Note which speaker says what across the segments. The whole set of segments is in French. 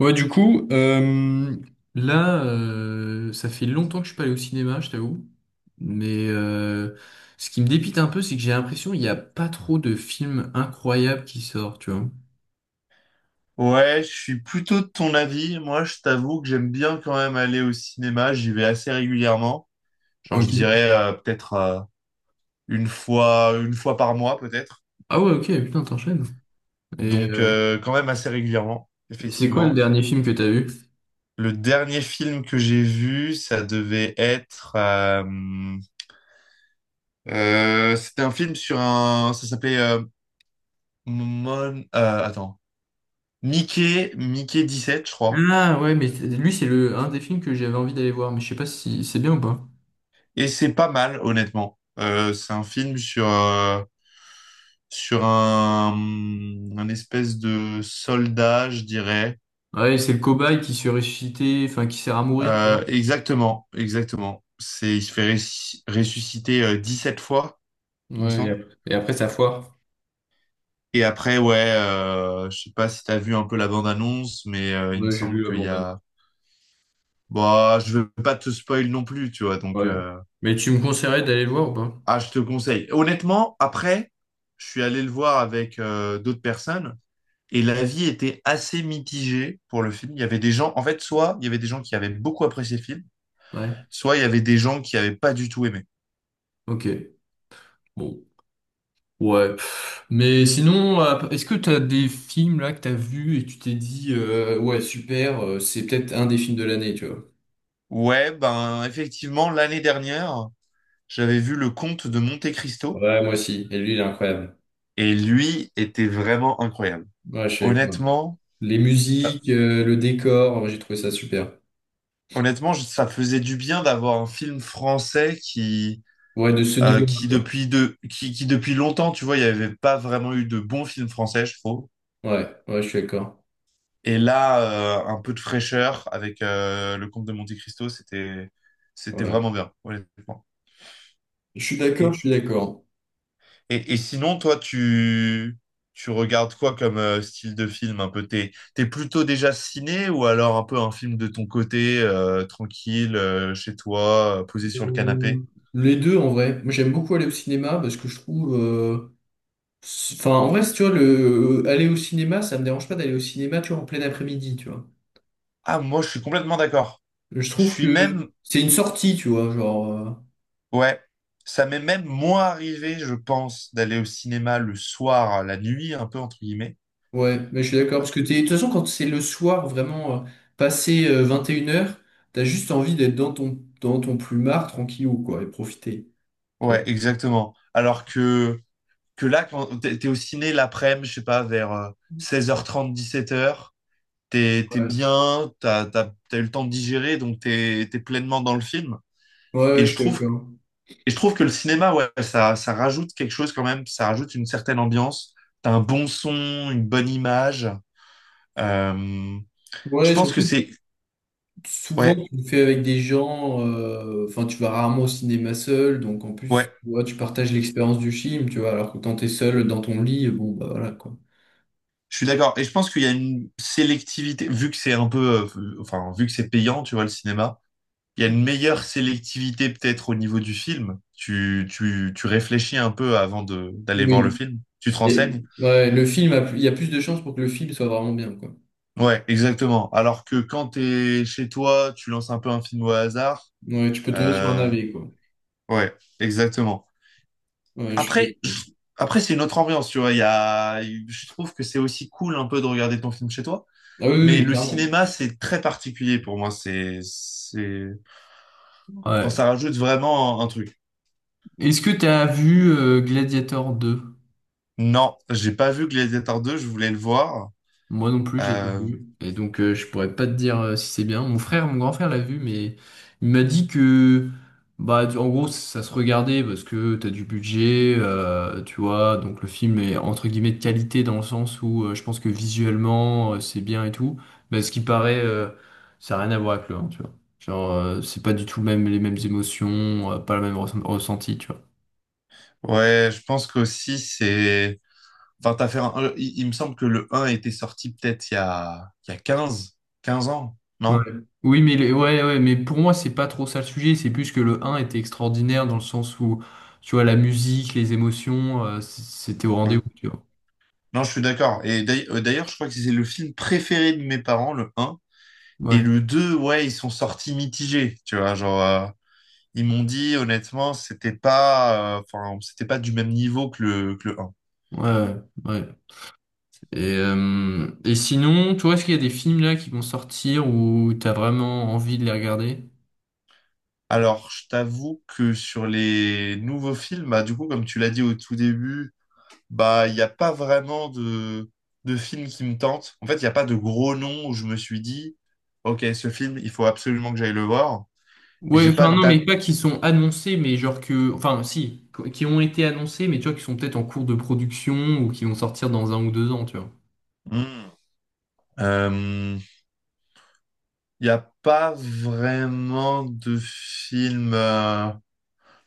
Speaker 1: Ouais, du coup, là, ça fait longtemps que je suis pas allé au cinéma, je t'avoue. Mais ce qui me dépite un peu, c'est que j'ai l'impression qu'il n'y a pas trop de films incroyables qui sortent, tu vois.
Speaker 2: Ouais, je suis plutôt de ton avis. Moi, je t'avoue que j'aime bien quand même aller au cinéma. J'y vais assez régulièrement. Genre, je
Speaker 1: Ok.
Speaker 2: dirais peut-être une fois par mois, peut-être.
Speaker 1: Ah ouais, ok, putain, t'enchaînes. Et
Speaker 2: Donc, quand même assez régulièrement,
Speaker 1: c'est quoi le
Speaker 2: effectivement.
Speaker 1: dernier film que t'as vu?
Speaker 2: Le dernier film que j'ai vu, ça devait être, c'était un film, ça s'appelait Mon, euh, attends, Mickey 17, je crois.
Speaker 1: Ah ouais, mais lui, c'est le un des films que j'avais envie d'aller voir, mais je sais pas si c'est bien ou pas.
Speaker 2: Et c'est pas mal, honnêtement. C'est un film sur sur un, un espèce de soldat, je dirais.
Speaker 1: Ouais, c'est le cobaye qui se ressuscite, enfin, qui sert à mourir, quoi.
Speaker 2: Exactement, exactement. Il se fait ressusciter sept fois, il me
Speaker 1: Ouais, et
Speaker 2: semble.
Speaker 1: après et après, ça foire.
Speaker 2: Et après, ouais, je sais pas si t'as vu un peu la bande-annonce, mais il me
Speaker 1: Ouais, j'ai
Speaker 2: semble
Speaker 1: vu, ah
Speaker 2: qu'il
Speaker 1: bon,
Speaker 2: y
Speaker 1: bah.
Speaker 2: a... Bah, je veux pas te spoil non plus, tu vois, donc...
Speaker 1: Ouais.
Speaker 2: euh,
Speaker 1: Mais tu me conseillerais d'aller le voir ou pas?
Speaker 2: Ah, je te conseille. Honnêtement, après, je suis allé le voir avec d'autres personnes. Et l'avis était assez mitigé pour le film. Il y avait des gens, en fait, soit il y avait des gens qui avaient beaucoup apprécié le film,
Speaker 1: Ouais.
Speaker 2: soit il y avait des gens qui avaient pas du tout aimé.
Speaker 1: Ok. Bon. Ouais. Mais sinon, est-ce que t'as des films là que t'as as vus et tu t'es dit, ouais, super, c'est peut-être un des films de l'année, tu vois.
Speaker 2: Ouais, ben effectivement, l'année dernière, j'avais vu Le Comte de Monte Cristo
Speaker 1: Ouais, moi aussi. Et lui, il est incroyable.
Speaker 2: et lui était vraiment incroyable.
Speaker 1: Ouais, je suis d'accord.
Speaker 2: Honnêtement,
Speaker 1: Les
Speaker 2: euh,
Speaker 1: musiques, le décor, ouais, j'ai trouvé ça super.
Speaker 2: honnêtement, ça faisait du bien d'avoir un film français qui,
Speaker 1: Ouais, de ce
Speaker 2: euh,
Speaker 1: niveau-là,
Speaker 2: qui
Speaker 1: quoi.
Speaker 2: depuis de, qui, qui depuis longtemps, tu vois, il n'y avait pas vraiment eu de bons films français, je trouve.
Speaker 1: Ouais, ouais, je suis d'accord.
Speaker 2: Et là, un peu de fraîcheur avec le comte de Monte Cristo, c'était
Speaker 1: Ouais.
Speaker 2: vraiment bien, honnêtement.
Speaker 1: Je suis d'accord,
Speaker 2: Et,
Speaker 1: je suis d'accord.
Speaker 2: et sinon, toi, tu regardes quoi comme style de film un peu? T'es plutôt déjà ciné ou alors un peu un film de ton côté, tranquille, chez toi, posé sur le
Speaker 1: Euh,
Speaker 2: canapé?
Speaker 1: Les deux, en vrai. Moi, j'aime beaucoup aller au cinéma parce que je trouve, enfin, en vrai, si tu vois, le aller au cinéma, ça me dérange pas d'aller au cinéma, tu vois, en plein après-midi, tu vois.
Speaker 2: Ah, moi, je suis complètement d'accord.
Speaker 1: Je
Speaker 2: Je
Speaker 1: trouve
Speaker 2: suis
Speaker 1: que
Speaker 2: même
Speaker 1: c'est une sortie, tu vois, genre,
Speaker 2: ouais. Ça m'est même moins arrivé, je pense, d'aller au cinéma le soir, la nuit, un peu entre guillemets.
Speaker 1: ouais, mais je suis d'accord, parce que t'es, de toute façon, quand c'est le soir, vraiment, passé 21 heures, t'as juste envie d'être dans ton, dans ton plumard, tranquillou, quoi, et profiter. Tu
Speaker 2: Ouais, exactement. Alors que là, quand t'es au ciné l'après-midi, je sais pas, vers 16h30, 17h,
Speaker 1: vois.
Speaker 2: t'es
Speaker 1: Ouais,
Speaker 2: bien, t'as eu le temps de digérer, donc t'es pleinement dans le film.
Speaker 1: ouais,
Speaker 2: Et
Speaker 1: ouais, je
Speaker 2: je
Speaker 1: suis
Speaker 2: trouve,
Speaker 1: d'accord.
Speaker 2: et je trouve que le cinéma, ouais, ça rajoute quelque chose quand même, ça rajoute une certaine ambiance. T'as un bon son, une bonne image. Euh, je
Speaker 1: Ouais,
Speaker 2: pense que
Speaker 1: surtout,
Speaker 2: c'est,
Speaker 1: souvent,
Speaker 2: ouais,
Speaker 1: tu le fais avec des gens, enfin, tu vas rarement au cinéma seul, donc en plus,
Speaker 2: ouais,
Speaker 1: tu vois, tu partages l'expérience du film, tu vois, alors que quand t'es seul dans ton lit, bon, bah voilà, quoi.
Speaker 2: je suis d'accord. Et je pense qu'il y a une sélectivité, vu que c'est un peu, enfin, vu que c'est payant, tu vois, le cinéma il y a une meilleure sélectivité peut-être au niveau du film. Tu réfléchis un peu avant de, d'aller voir le
Speaker 1: Oui.
Speaker 2: film. Tu te renseignes.
Speaker 1: Ouais, le film a plus- il y a plus de chances pour que le film soit vraiment bien, quoi.
Speaker 2: Ouais, exactement. Alors que quand t'es chez toi, tu lances un peu un film au hasard.
Speaker 1: Ouais, tu peux tomber sur un
Speaker 2: Euh,
Speaker 1: navet, quoi.
Speaker 2: ouais, exactement.
Speaker 1: Ouais, je suis
Speaker 2: Après,
Speaker 1: d'accord.
Speaker 2: après c'est une autre ambiance, tu vois. Il y a, je trouve que c'est aussi cool un peu de regarder ton film chez toi.
Speaker 1: Ah oui, oui,
Speaker 2: Mais
Speaker 1: oui,
Speaker 2: le
Speaker 1: clairement.
Speaker 2: cinéma, c'est très particulier pour moi. Bon,
Speaker 1: Ouais.
Speaker 2: ça rajoute vraiment un truc.
Speaker 1: Est-ce que tu as vu Gladiator 2?
Speaker 2: Non, j'ai pas vu Gladiator 2, je voulais le voir.
Speaker 1: Moi non plus, j'ai pas
Speaker 2: Euh,
Speaker 1: vu. Et donc, je pourrais pas te dire si c'est bien. Mon frère, mon grand frère l'a vu, mais il m'a dit que, bah, en gros, ça se regardait parce que t'as du budget, tu vois. Donc, le film est entre guillemets de qualité dans le sens où je pense que visuellement, c'est bien et tout. Mais ce qui paraît, ça n'a rien à voir avec le 1, tu vois. Genre, c'est pas du tout le même, les mêmes émotions, pas le même ressenti, tu vois.
Speaker 2: Ouais, je pense qu'aussi, c'est... Enfin, t'as fait un... il me semble que le 1 était sorti peut-être il y a quinze ans,
Speaker 1: Ouais.
Speaker 2: non?
Speaker 1: Oui, mais, ouais, ouais, mais pour moi, c'est pas trop ça le sujet. C'est plus que le un était extraordinaire dans le sens où, tu vois, la musique, les émotions, c'était au rendez-vous,
Speaker 2: Ouais.
Speaker 1: tu vois.
Speaker 2: Non, je suis d'accord. Et d'ailleurs, je crois que c'est le film préféré de mes parents, le un. Et
Speaker 1: Ouais,
Speaker 2: le 2, ouais, ils sont sortis mitigés, tu vois. Genre, ils m'ont dit, honnêtement, c'était pas... enfin, c'était pas du même niveau que que le un.
Speaker 1: ouais, ouais. Et, sinon, toi, est-ce qu'il y a des films là qui vont sortir où t'as vraiment envie de les regarder?
Speaker 2: Alors, je t'avoue que sur les nouveaux films, bah, du coup, comme tu l'as dit au tout début... Bah, il n'y a pas vraiment de film qui me tente. En fait, il n'y a pas de gros nom où je me suis dit, OK, ce film, il faut absolument que j'aille le voir. Et
Speaker 1: Ouais,
Speaker 2: j'ai pas
Speaker 1: enfin,
Speaker 2: de
Speaker 1: non, mais
Speaker 2: date.
Speaker 1: pas qui sont annoncés, mais genre que, enfin, si, qui ont été annoncés, mais tu vois, qui sont peut-être en cours de production ou qui vont sortir dans un ou deux ans, tu
Speaker 2: Hmm. Euh, il n'y a pas vraiment de film.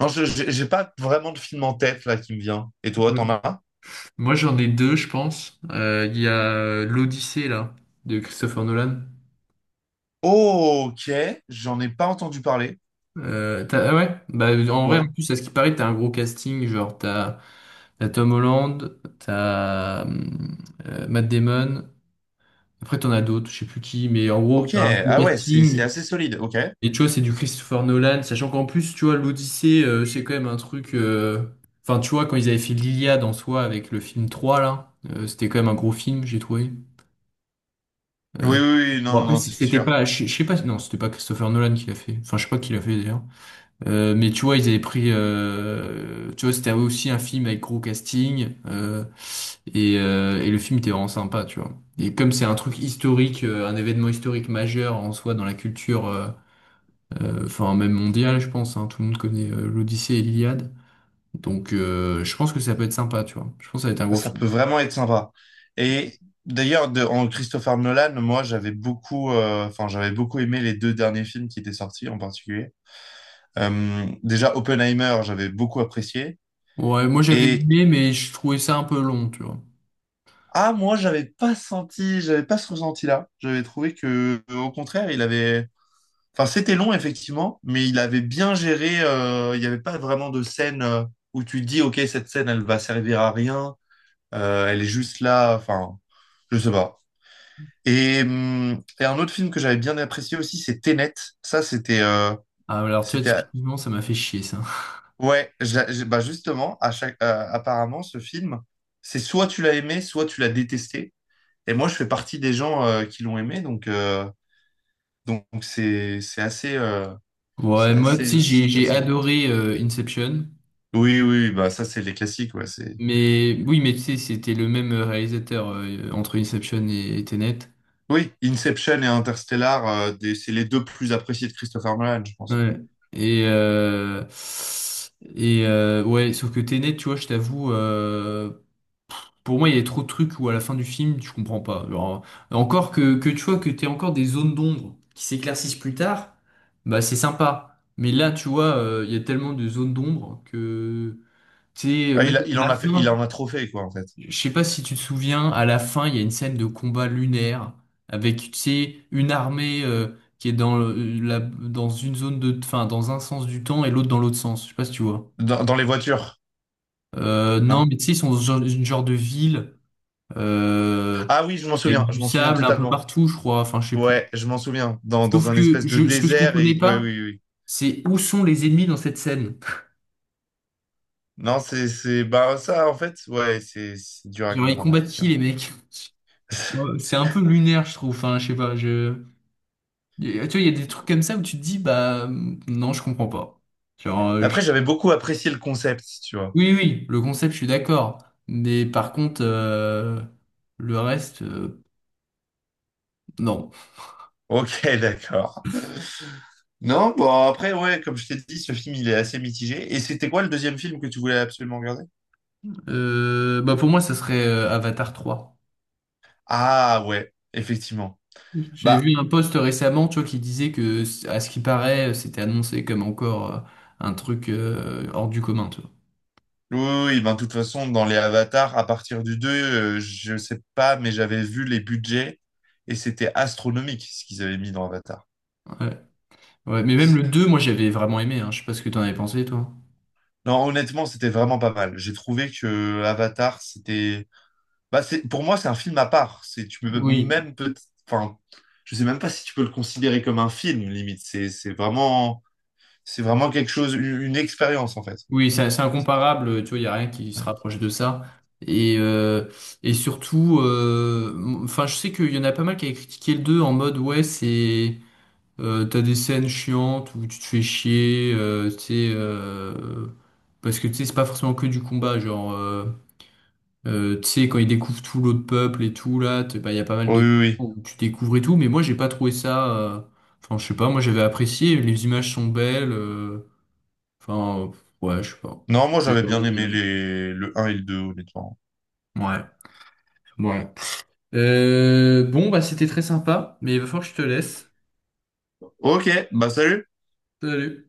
Speaker 2: Non, j'ai pas vraiment de film en tête là qui me vient. Et toi,
Speaker 1: vois.
Speaker 2: t'en as un?
Speaker 1: Moi, j'en ai deux, je pense. Il y a l'Odyssée, là, de Christopher Nolan.
Speaker 2: Oh, OK, j'en ai pas entendu parler.
Speaker 1: Ah ouais, bah, en vrai, en
Speaker 2: Ouais.
Speaker 1: plus, à ce qui paraît, t'as un gros casting. Genre, t'as Tom Holland, t'as Matt Damon. Après, t'en as d'autres, je sais plus qui, mais en gros,
Speaker 2: OK,
Speaker 1: t'as un gros
Speaker 2: ah ouais, c'est
Speaker 1: casting.
Speaker 2: assez solide. OK.
Speaker 1: Et tu vois, c'est du Christopher Nolan. Sachant qu'en plus, tu vois, l'Odyssée, c'est quand même un truc, enfin, tu vois, quand ils avaient fait l'Iliade en soi avec le film 3 là, c'était quand même un gros film, j'ai trouvé. Euh,
Speaker 2: Oui, oui, oui,
Speaker 1: bon
Speaker 2: non, non,
Speaker 1: après,
Speaker 2: non, c'est
Speaker 1: c'était
Speaker 2: sûr.
Speaker 1: pas, je sais pas, non, c'était pas Christopher Nolan qui l'a fait, enfin, je sais pas qui l'a fait d'ailleurs. Mais tu vois, ils avaient pris, tu vois, c'était aussi un film avec gros casting, et le film était vraiment sympa, tu vois, et comme c'est un truc historique, un événement historique majeur en soi dans la culture, enfin, même mondiale, je pense, hein, tout le monde connaît l'Odyssée et l'Iliade, donc je pense que ça peut être sympa, tu vois, je pense que ça va être un
Speaker 2: Ah,
Speaker 1: gros
Speaker 2: ça
Speaker 1: film.
Speaker 2: peut vraiment être sympa. Et en Christopher Nolan, moi, enfin, j'avais beaucoup aimé les deux derniers films qui étaient sortis en particulier. Déjà, Oppenheimer, j'avais beaucoup apprécié.
Speaker 1: Ouais, moi j'avais
Speaker 2: Et
Speaker 1: aimé, mais je trouvais ça un peu long, tu vois.
Speaker 2: ah, moi, j'avais pas senti, j'avais pas ce ressenti-là. J'avais trouvé que, au contraire, enfin, c'était long effectivement, mais il avait bien géré. Il n'y avait pas vraiment de scène où tu te dis, ok, cette scène, elle va servir à rien. Elle est juste là. Enfin, je sais pas. Et un autre film que j'avais bien apprécié aussi, c'est Tenet. Ça,
Speaker 1: Ah, alors, tu vois,
Speaker 2: c'était, à-
Speaker 1: typiquement, ça m'a fait chier, ça.
Speaker 2: ouais, bah justement, apparemment, ce film, c'est soit tu l'as aimé, soit tu l'as détesté. Et moi, je fais partie des gens qui l'ont aimé, donc c'est assez, c'est
Speaker 1: Ouais, moi, tu
Speaker 2: assez,
Speaker 1: sais, j'ai,
Speaker 2: c'est
Speaker 1: j'ai
Speaker 2: assez-
Speaker 1: adoré Inception.
Speaker 2: oui, oui, bah ça, c'est les classiques, ouais, c'est.
Speaker 1: Mais oui, mais tu sais, c'était le même réalisateur entre Inception et Tenet.
Speaker 2: Oui, Inception et Interstellar, c'est les deux plus appréciés de Christopher Nolan, je pense.
Speaker 1: Ouais. Et, ouais, sauf que Tenet, tu vois, je t'avoue, pour moi, il y a trop de trucs où à la fin du film, tu comprends pas. Genre, encore que, tu vois que t'es encore des zones d'ombre qui s'éclaircissent plus tard, bah c'est sympa. Mais là, tu vois, il y a tellement de zones d'ombre que. Tu sais,
Speaker 2: Ouais,
Speaker 1: même
Speaker 2: il
Speaker 1: à
Speaker 2: en
Speaker 1: la
Speaker 2: a fait, il
Speaker 1: fin,
Speaker 2: en a trop fait, quoi, en fait.
Speaker 1: je sais pas si tu te souviens, à la fin, il y a une scène de combat lunaire avec, tu sais, une armée, qui est dans la, dans une zone de, enfin, dans un sens du temps et l'autre dans l'autre sens. Je sais pas si tu vois.
Speaker 2: Dans, dans les voitures.
Speaker 1: Non,
Speaker 2: Non?
Speaker 1: mais tu sais, ils sont dans une genre de ville, euh,
Speaker 2: Ah oui,
Speaker 1: avec
Speaker 2: je
Speaker 1: du
Speaker 2: m'en souviens
Speaker 1: sable un peu
Speaker 2: totalement.
Speaker 1: partout, je crois. Enfin, je sais plus.
Speaker 2: Ouais, je m'en souviens. Dans,
Speaker 1: Sauf
Speaker 2: dans un
Speaker 1: que
Speaker 2: espèce de
Speaker 1: ce que je
Speaker 2: désert
Speaker 1: comprenais
Speaker 2: et ouais,
Speaker 1: pas,
Speaker 2: oui, oui. oui.
Speaker 1: c'est où sont les ennemis dans cette scène?
Speaker 2: Non, bah ça en fait, ouais, c'est dur à
Speaker 1: Genre, ils
Speaker 2: comprendre
Speaker 1: combattent qui,
Speaker 2: effectivement.
Speaker 1: les mecs? Ouais, c'est un peu lunaire, je trouve. Enfin, je sais pas, je. Tu vois, il y a des trucs comme ça où tu te dis, bah, non, je comprends pas. Genre,
Speaker 2: Après, j'avais beaucoup apprécié le concept, tu vois.
Speaker 1: oui, oui, le concept, je suis d'accord. Mais par contre, le reste, non.
Speaker 2: Ok, d'accord. Non, bon après, ouais, comme je t'ai dit, ce film il est assez mitigé. Et c'était quoi le deuxième film que tu voulais absolument regarder?
Speaker 1: Bah, pour moi, ça serait Avatar 3.
Speaker 2: Ah ouais, effectivement.
Speaker 1: J'avais
Speaker 2: Bah
Speaker 1: vu un post récemment, tu vois, qui disait que, à ce qui paraît, c'était annoncé comme encore un truc hors du commun, tu vois.
Speaker 2: oui, oui, oui, ben, de toute façon, dans les avatars, à partir du 2, je sais pas, mais j'avais vu les budgets et c'était astronomique ce qu'ils avaient mis dans Avatar.
Speaker 1: Ouais. Ouais, mais même
Speaker 2: C'est-
Speaker 1: le 2 moi, j'avais vraiment aimé, hein. Je sais pas ce que t'en avais pensé, toi.
Speaker 2: Non, honnêtement, c'était vraiment pas mal. J'ai trouvé que Avatar, bah, c'est, pour moi, c'est un film à part. C'est, tu peux
Speaker 1: Oui.
Speaker 2: même peut, enfin, je sais même pas si tu peux le considérer comme un film, limite. C'est vraiment quelque chose, une expérience, en fait.
Speaker 1: Oui, c'est incomparable, tu vois, il n'y a rien qui se
Speaker 2: Ouais.
Speaker 1: rapproche de ça. Et, surtout, enfin, je sais qu'il y en a pas mal qui avaient critiqué le 2 en mode, ouais, c'est, t'as des scènes chiantes où tu te fais chier, tu sais, parce que tu sais, c'est pas forcément que du combat, genre, tu sais, quand ils découvrent tout l'autre peuple et tout, là, bah, il y a pas mal
Speaker 2: Oui,
Speaker 1: de
Speaker 2: oui, oui.
Speaker 1: où tu découvres et tout, mais moi, j'ai pas trouvé ça, enfin, je sais pas, moi, j'avais apprécié, les images sont belles, Enfin, euh, ouais, je sais pas.
Speaker 2: Non, moi,
Speaker 1: J'ai
Speaker 2: j'avais bien
Speaker 1: vraiment bien
Speaker 2: aimé
Speaker 1: aimé.
Speaker 2: les, le un et le 2 honnêtement.
Speaker 1: Ouais, ouais. Bon, bah c'était très sympa, mais il va falloir que je te laisse.
Speaker 2: Ok, bah, salut!
Speaker 1: Salut.